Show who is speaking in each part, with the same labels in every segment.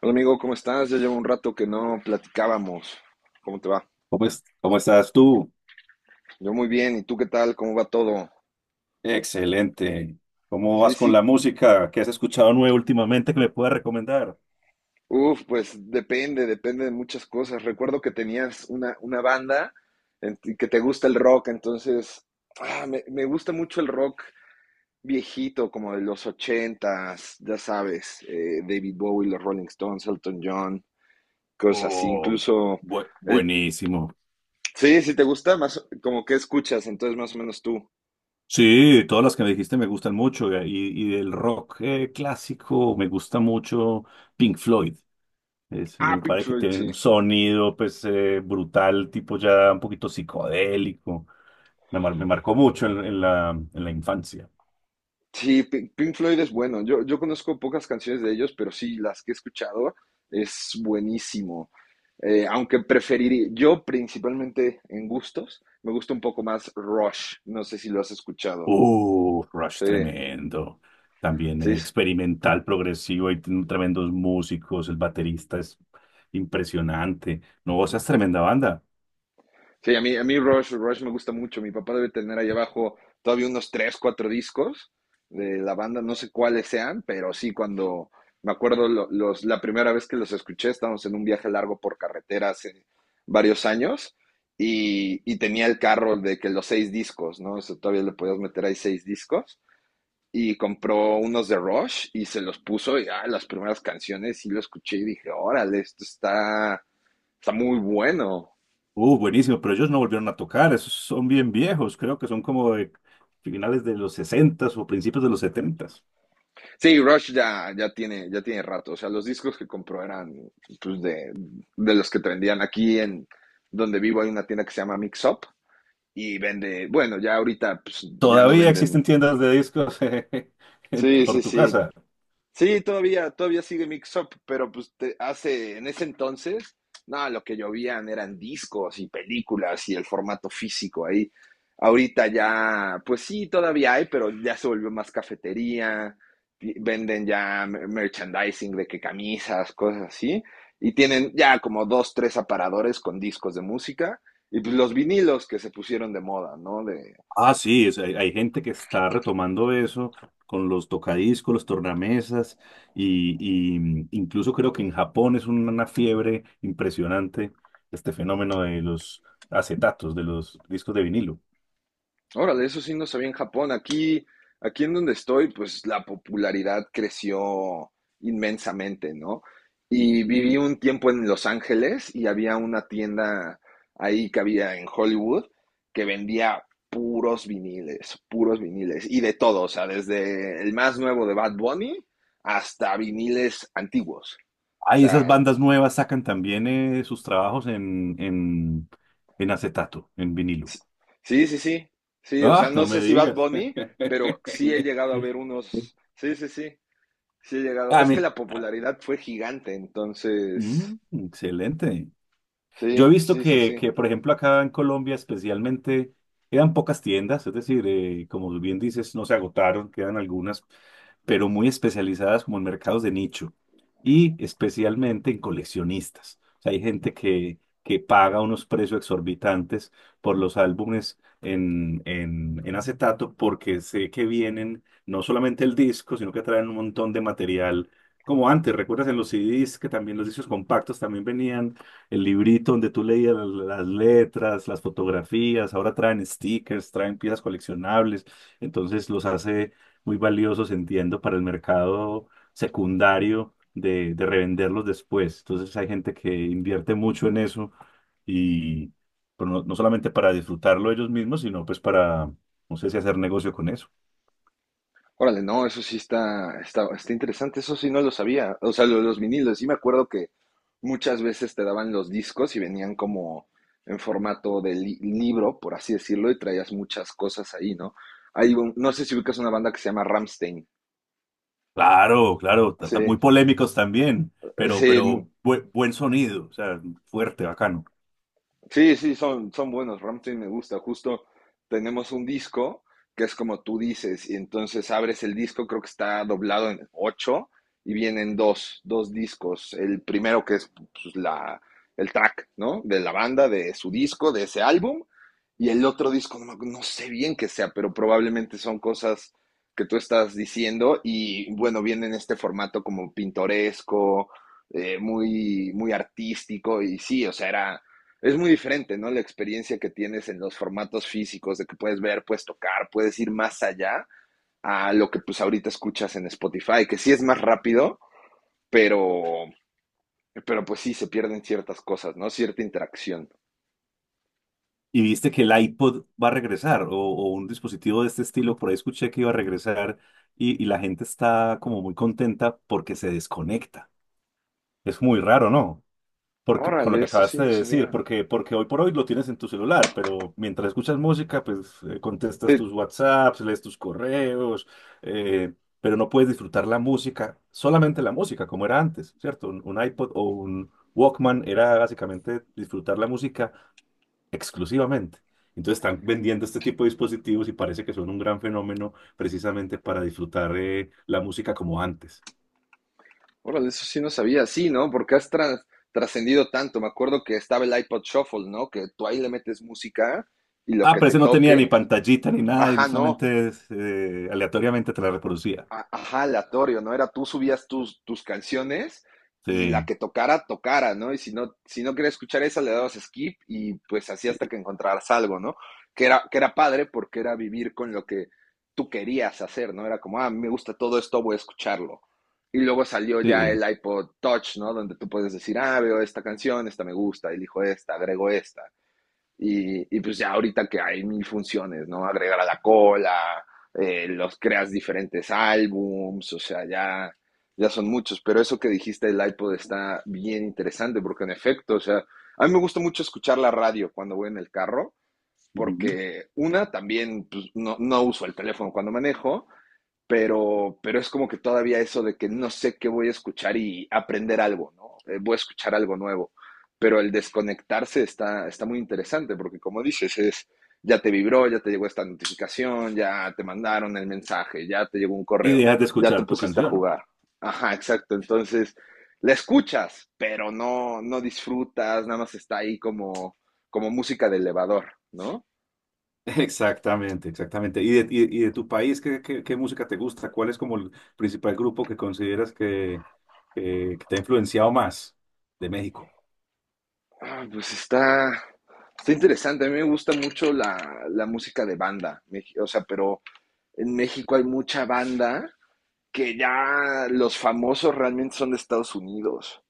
Speaker 1: Hola amigo, ¿cómo estás? Ya llevo un rato que no platicábamos. ¿Cómo te va?
Speaker 2: ¿Cómo estás tú?
Speaker 1: Yo muy bien, ¿y tú qué tal? ¿Cómo va todo?
Speaker 2: Excelente. ¿Cómo
Speaker 1: Sí,
Speaker 2: vas con la
Speaker 1: sí.
Speaker 2: música? ¿Qué has escuchado nuevo últimamente que me puedas recomendar?
Speaker 1: Uf, pues depende de muchas cosas. Recuerdo que tenías una banda en ti que te gusta el rock, entonces me gusta mucho el rock viejito, como de los ochentas, ya sabes, David Bowie, los Rolling Stones, Elton John, cosas así.
Speaker 2: Oh,
Speaker 1: Incluso, el,
Speaker 2: buenísimo.
Speaker 1: sí, si te gusta, más como que escuchas, entonces más o menos tú.
Speaker 2: Sí, todas las que me dijiste me gustan mucho y del rock clásico me gusta mucho Pink Floyd.
Speaker 1: Ah,
Speaker 2: Me
Speaker 1: Pink
Speaker 2: parece que
Speaker 1: Floyd,
Speaker 2: tiene un
Speaker 1: sí.
Speaker 2: sonido pues brutal, tipo ya un poquito psicodélico. Me marcó mucho en la infancia.
Speaker 1: Sí, Pink Floyd es bueno. Yo conozco pocas canciones de ellos, pero sí, las que he escuchado es buenísimo. Aunque preferiría, yo principalmente en gustos, me gusta un poco más Rush. No sé si lo has escuchado.
Speaker 2: Rush
Speaker 1: Sí,
Speaker 2: tremendo. También
Speaker 1: sí.
Speaker 2: experimental, progresivo, hay tiene tremendos músicos, el baterista es impresionante. No, o es tremenda banda.
Speaker 1: Sí, a mí Rush me gusta mucho. Mi papá debe tener ahí abajo todavía unos tres, cuatro discos de la banda, no sé cuáles sean, pero sí, cuando me acuerdo la primera vez que los escuché, estábamos en un viaje largo por carretera hace varios años y tenía el carro de que los seis discos, ¿no? O sea, todavía le podías meter ahí seis discos y compró unos de Rush y se los puso y ah, las primeras canciones y lo escuché y dije, órale, está muy bueno.
Speaker 2: Buenísimo, pero ellos no volvieron a tocar, esos son bien viejos, creo que son como de finales de los sesentas o principios de los setentas.
Speaker 1: Sí, Rush ya tiene rato. O sea, los discos que compró eran pues, de los que te vendían aquí en donde vivo hay una tienda que se llama Mix Up y vende, bueno, ya ahorita pues, ya no
Speaker 2: Todavía existen
Speaker 1: venden.
Speaker 2: tiendas de discos
Speaker 1: Sí, sí,
Speaker 2: por tu
Speaker 1: sí.
Speaker 2: casa.
Speaker 1: Sí, todavía sigue Mix Up, pero pues hace, en ese entonces, no, lo que llovían eran discos y películas y el formato físico ahí. Ahorita ya, pues sí, todavía hay, pero ya se volvió más cafetería, y venden ya merchandising de que camisas, cosas así, y tienen ya como dos, tres aparadores con discos de música, y pues los vinilos que se pusieron de moda, ¿no?
Speaker 2: Ah, sí, hay, hay gente que está retomando eso con los tocadiscos, los tornamesas, y, y incluso creo que en Japón es una fiebre impresionante este fenómeno de los acetatos, de los discos de vinilo.
Speaker 1: Órale, eso sí no sabía en Japón. Aquí en donde estoy, pues la popularidad creció inmensamente, ¿no? Y viví un tiempo en Los Ángeles y había una tienda ahí que había en Hollywood que vendía puros viniles y de todo, o sea, desde el más nuevo de Bad Bunny hasta viniles antiguos. O
Speaker 2: Hay esas
Speaker 1: sea,
Speaker 2: bandas nuevas sacan también sus trabajos en acetato, en vinilo.
Speaker 1: sí, sí, sí, sí, o sea,
Speaker 2: Ah,
Speaker 1: no
Speaker 2: no me
Speaker 1: sé si Bad
Speaker 2: digas.
Speaker 1: Bunny, pero sí he llegado a ver unos, sí, sí, sí. Sí he llegado.
Speaker 2: Ah,
Speaker 1: Es que
Speaker 2: mi-
Speaker 1: la popularidad fue gigante, entonces.
Speaker 2: mm, Excelente. Yo he
Speaker 1: Sí,
Speaker 2: visto
Speaker 1: sí, sí,
Speaker 2: que,
Speaker 1: sí.
Speaker 2: que, por ejemplo, acá en Colombia especialmente quedan pocas tiendas, es decir, como bien dices, no se agotaron, quedan algunas, pero muy especializadas como en mercados de nicho y especialmente en coleccionistas. O sea, hay gente que paga unos precios exorbitantes por los álbumes en acetato porque sé que vienen no solamente el disco, sino que traen un montón de material. Como antes, ¿recuerdas en los CDs que también los discos compactos también venían? El librito donde tú leías las letras, las fotografías, ahora traen stickers, traen piezas coleccionables, entonces los hace muy valiosos, entiendo, para el mercado secundario de revenderlos después. Entonces hay gente que invierte mucho en eso y pero no, no solamente para disfrutarlo ellos mismos, sino pues para, no sé si hacer negocio con eso.
Speaker 1: Órale, no, eso sí está interesante, eso sí no lo sabía. O sea, lo los vinilos, sí me acuerdo que muchas veces te daban los discos y venían como en formato de libro, por así decirlo, y traías muchas cosas ahí, ¿no? Hay un- no sé si ubicas una banda que se llama Ramstein.
Speaker 2: Claro, claro,
Speaker 1: Sí,
Speaker 2: muy polémicos también,
Speaker 1: sí.
Speaker 2: pero buen sonido, o sea, fuerte, bacano.
Speaker 1: Sí, sí, son buenos. Rammstein me gusta. Justo tenemos un disco que es como tú dices, y entonces abres el disco, creo que está doblado en ocho, y vienen dos discos. El primero que es pues, la, el track, ¿no? De la banda, de su disco, de ese álbum, y el otro disco, no, no sé bien qué sea, pero probablemente son cosas que tú estás diciendo, y bueno, viene en este formato como pintoresco, muy, muy artístico, y sí, o sea, era es muy diferente, ¿no? La experiencia que tienes en los formatos físicos, de que puedes ver, puedes tocar, puedes ir más allá a lo que pues ahorita escuchas en Spotify, que sí es más rápido, pero, pero pues sí se pierden ciertas cosas, ¿no? Cierta interacción.
Speaker 2: Y viste que el iPod va a regresar, o un dispositivo de este estilo, por ahí escuché que iba a regresar y la gente está como muy contenta porque se desconecta. Es muy raro, ¿no? Porque, con lo
Speaker 1: Órale,
Speaker 2: que
Speaker 1: eso sí
Speaker 2: acabaste
Speaker 1: no
Speaker 2: de decir,
Speaker 1: sabía.
Speaker 2: porque, porque hoy por hoy lo tienes en tu celular, pero mientras escuchas música, pues
Speaker 1: Sí,
Speaker 2: contestas tus WhatsApps, lees tus correos, eh, pero no puedes disfrutar la música, solamente la música, como era antes, ¿cierto? Un iPod o un Walkman era básicamente disfrutar la música exclusivamente. Entonces están vendiendo este tipo de dispositivos y parece que son un gran fenómeno precisamente para disfrutar la música como antes.
Speaker 1: órale, eso sí no sabía, sí, ¿no? Porque has trascendido tanto. Me acuerdo que estaba el iPod Shuffle, ¿no? Que tú ahí le metes música y lo
Speaker 2: Ah,
Speaker 1: que
Speaker 2: pero
Speaker 1: te
Speaker 2: ese no tenía ni
Speaker 1: toque.
Speaker 2: pantallita ni nada, y
Speaker 1: Ajá, no.
Speaker 2: solamente aleatoriamente te la reproducía.
Speaker 1: Ajá, aleatorio, ¿no? Era tú subías tus canciones y la
Speaker 2: Sí,
Speaker 1: que tocara, tocara, ¿no? Y si no, querías escuchar esa, le dabas skip y pues así hasta
Speaker 2: y-
Speaker 1: que encontraras algo, ¿no? Que era padre porque era vivir con lo que tú querías hacer, ¿no? Era como, ah, me gusta todo esto, voy a escucharlo. Y luego salió ya el
Speaker 2: sí.
Speaker 1: iPod Touch, ¿no? Donde tú puedes decir, ah, veo esta canción, esta me gusta, elijo esta, agrego esta. Y, pues ya ahorita que hay mil funciones, ¿no? Agregar a la cola, los creas diferentes álbums, o sea, ya, ya son muchos. Pero eso que dijiste del iPod está bien interesante, porque en efecto, o sea, a mí me gusta mucho escuchar la radio cuando voy en el carro,
Speaker 2: Ujú.
Speaker 1: porque una, también pues, no, no uso el teléfono cuando manejo, pero es como que todavía eso de que no sé qué voy a escuchar y aprender algo, ¿no? Voy a escuchar algo nuevo. Pero el desconectarse está muy interesante porque como dices, es, ya te vibró, ya te llegó esta notificación, ya te mandaron el mensaje, ya te llegó un
Speaker 2: Y
Speaker 1: correo,
Speaker 2: dejas de
Speaker 1: ya te
Speaker 2: escuchar tu
Speaker 1: pusiste a
Speaker 2: canción, ¿no?
Speaker 1: jugar. Ajá, exacto. Entonces, la escuchas, pero no, no disfrutas, nada más está ahí como, como música de elevador, ¿no?
Speaker 2: Exactamente, exactamente. ¿Y de tu país, ¿qué, qué, qué música te gusta? ¿Cuál es como el principal grupo que consideras que, que te ha influenciado más de México?
Speaker 1: Ah, pues está interesante. A mí me gusta mucho la música de banda. O sea, pero en México hay mucha banda que ya los famosos realmente son de Estados Unidos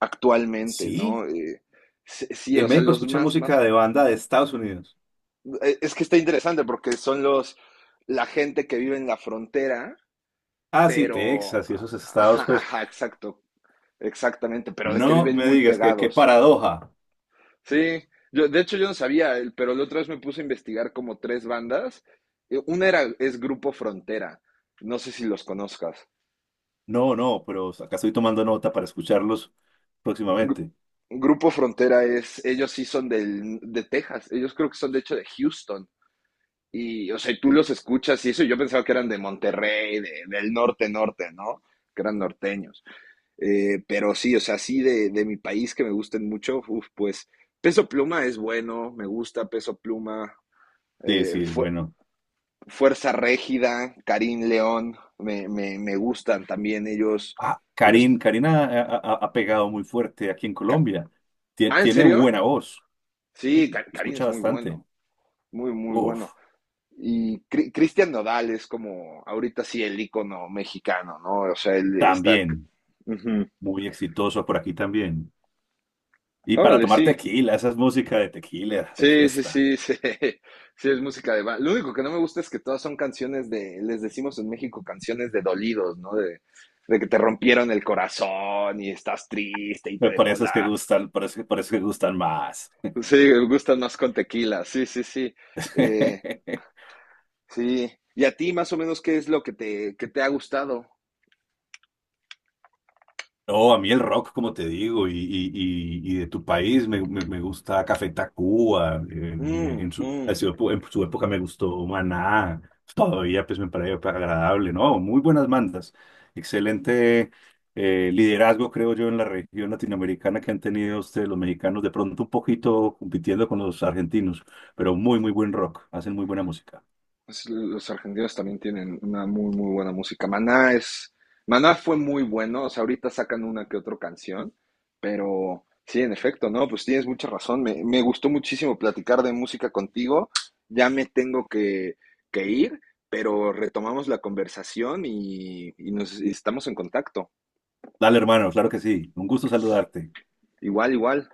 Speaker 1: actualmente,
Speaker 2: Sí.
Speaker 1: ¿no? Sí, sí,
Speaker 2: En
Speaker 1: o sea,
Speaker 2: México
Speaker 1: los
Speaker 2: escuché
Speaker 1: más,
Speaker 2: música
Speaker 1: más.
Speaker 2: de banda de Estados Unidos.
Speaker 1: Es que está interesante porque son la gente que vive en la frontera,
Speaker 2: Ah, sí,
Speaker 1: pero,
Speaker 2: Texas y esos estados,
Speaker 1: ajá,
Speaker 2: pues,
Speaker 1: ajá, exacto, exactamente, pero de que
Speaker 2: no
Speaker 1: viven
Speaker 2: me
Speaker 1: muy
Speaker 2: digas que qué
Speaker 1: pegados.
Speaker 2: paradoja.
Speaker 1: Sí, yo, de hecho yo no sabía, el- pero la otra vez me puse a investigar como tres bandas. Una era, es Grupo Frontera, no sé si los conozcas.
Speaker 2: No, no, pero acá estoy tomando nota para escucharlos
Speaker 1: Gru-
Speaker 2: próximamente.
Speaker 1: Grupo Frontera es, ellos sí son del, de Texas, ellos creo que son de hecho de Houston. Y, o sea, y tú los escuchas y eso, yo pensaba que eran de Monterrey, de- del norte, norte, ¿no? Que eran norteños. Pero sí, o sea, sí de mi país que me gusten mucho, uf, pues Peso Pluma es bueno, me gusta Peso Pluma.
Speaker 2: Sí, sí, es
Speaker 1: Fue,
Speaker 2: bueno.
Speaker 1: Fuerza Régida, Karim León, me gustan también ellos.
Speaker 2: Ah,
Speaker 1: Ellos
Speaker 2: Karin, Karina ha pegado muy fuerte aquí en Colombia.
Speaker 1: ah, ¿en
Speaker 2: Tiene
Speaker 1: serio?
Speaker 2: buena voz.
Speaker 1: Sí,
Speaker 2: Sí,
Speaker 1: Karim
Speaker 2: escucha
Speaker 1: es muy
Speaker 2: bastante.
Speaker 1: bueno, muy, muy bueno.
Speaker 2: Uf,
Speaker 1: Y Cristian Nodal es como ahorita sí el ícono mexicano, ¿no? O sea, él está...
Speaker 2: también,
Speaker 1: Uh -huh.
Speaker 2: muy exitoso por aquí también. Y para
Speaker 1: Órale,
Speaker 2: tomar
Speaker 1: sí.
Speaker 2: tequila, esa es música de tequila, de
Speaker 1: Sí. Sí,
Speaker 2: fiesta.
Speaker 1: sí, sí, sí. Es música de... Lo único que no me gusta es que todas son canciones de... Les decimos en México canciones de dolidos, ¿no? De que te rompieron el corazón y estás triste y te
Speaker 2: Me
Speaker 1: dejó
Speaker 2: parece que
Speaker 1: la,
Speaker 2: gustan, parece, parece que gustan más.
Speaker 1: sí, gustan más con tequila, sí, sí, sí. Eh, sí. ¿Y a ti más o menos qué es lo que te, ha gustado?
Speaker 2: No, a mí el rock, como te digo, y de tu país, me gusta Café Tacuba,
Speaker 1: Mm, mm.
Speaker 2: en su época me gustó Maná, todavía pues me parece agradable, ¿no? Muy buenas bandas, excelente liderazgo, creo yo, en la región latinoamericana que han tenido ustedes los mexicanos, de pronto un poquito compitiendo con los argentinos, pero muy, muy buen rock, hacen muy buena música.
Speaker 1: Es- los argentinos también tienen una muy, muy buena música. Maná es, Maná fue muy bueno, o sea, ahorita sacan una que otra canción, pero sí, en efecto, ¿no? Pues tienes mucha razón. Me gustó muchísimo platicar de música contigo. Ya me tengo que ir, pero retomamos la conversación y nos y estamos en contacto.
Speaker 2: Dale, hermano, claro que sí, un gusto saludarte.
Speaker 1: Igual, igual.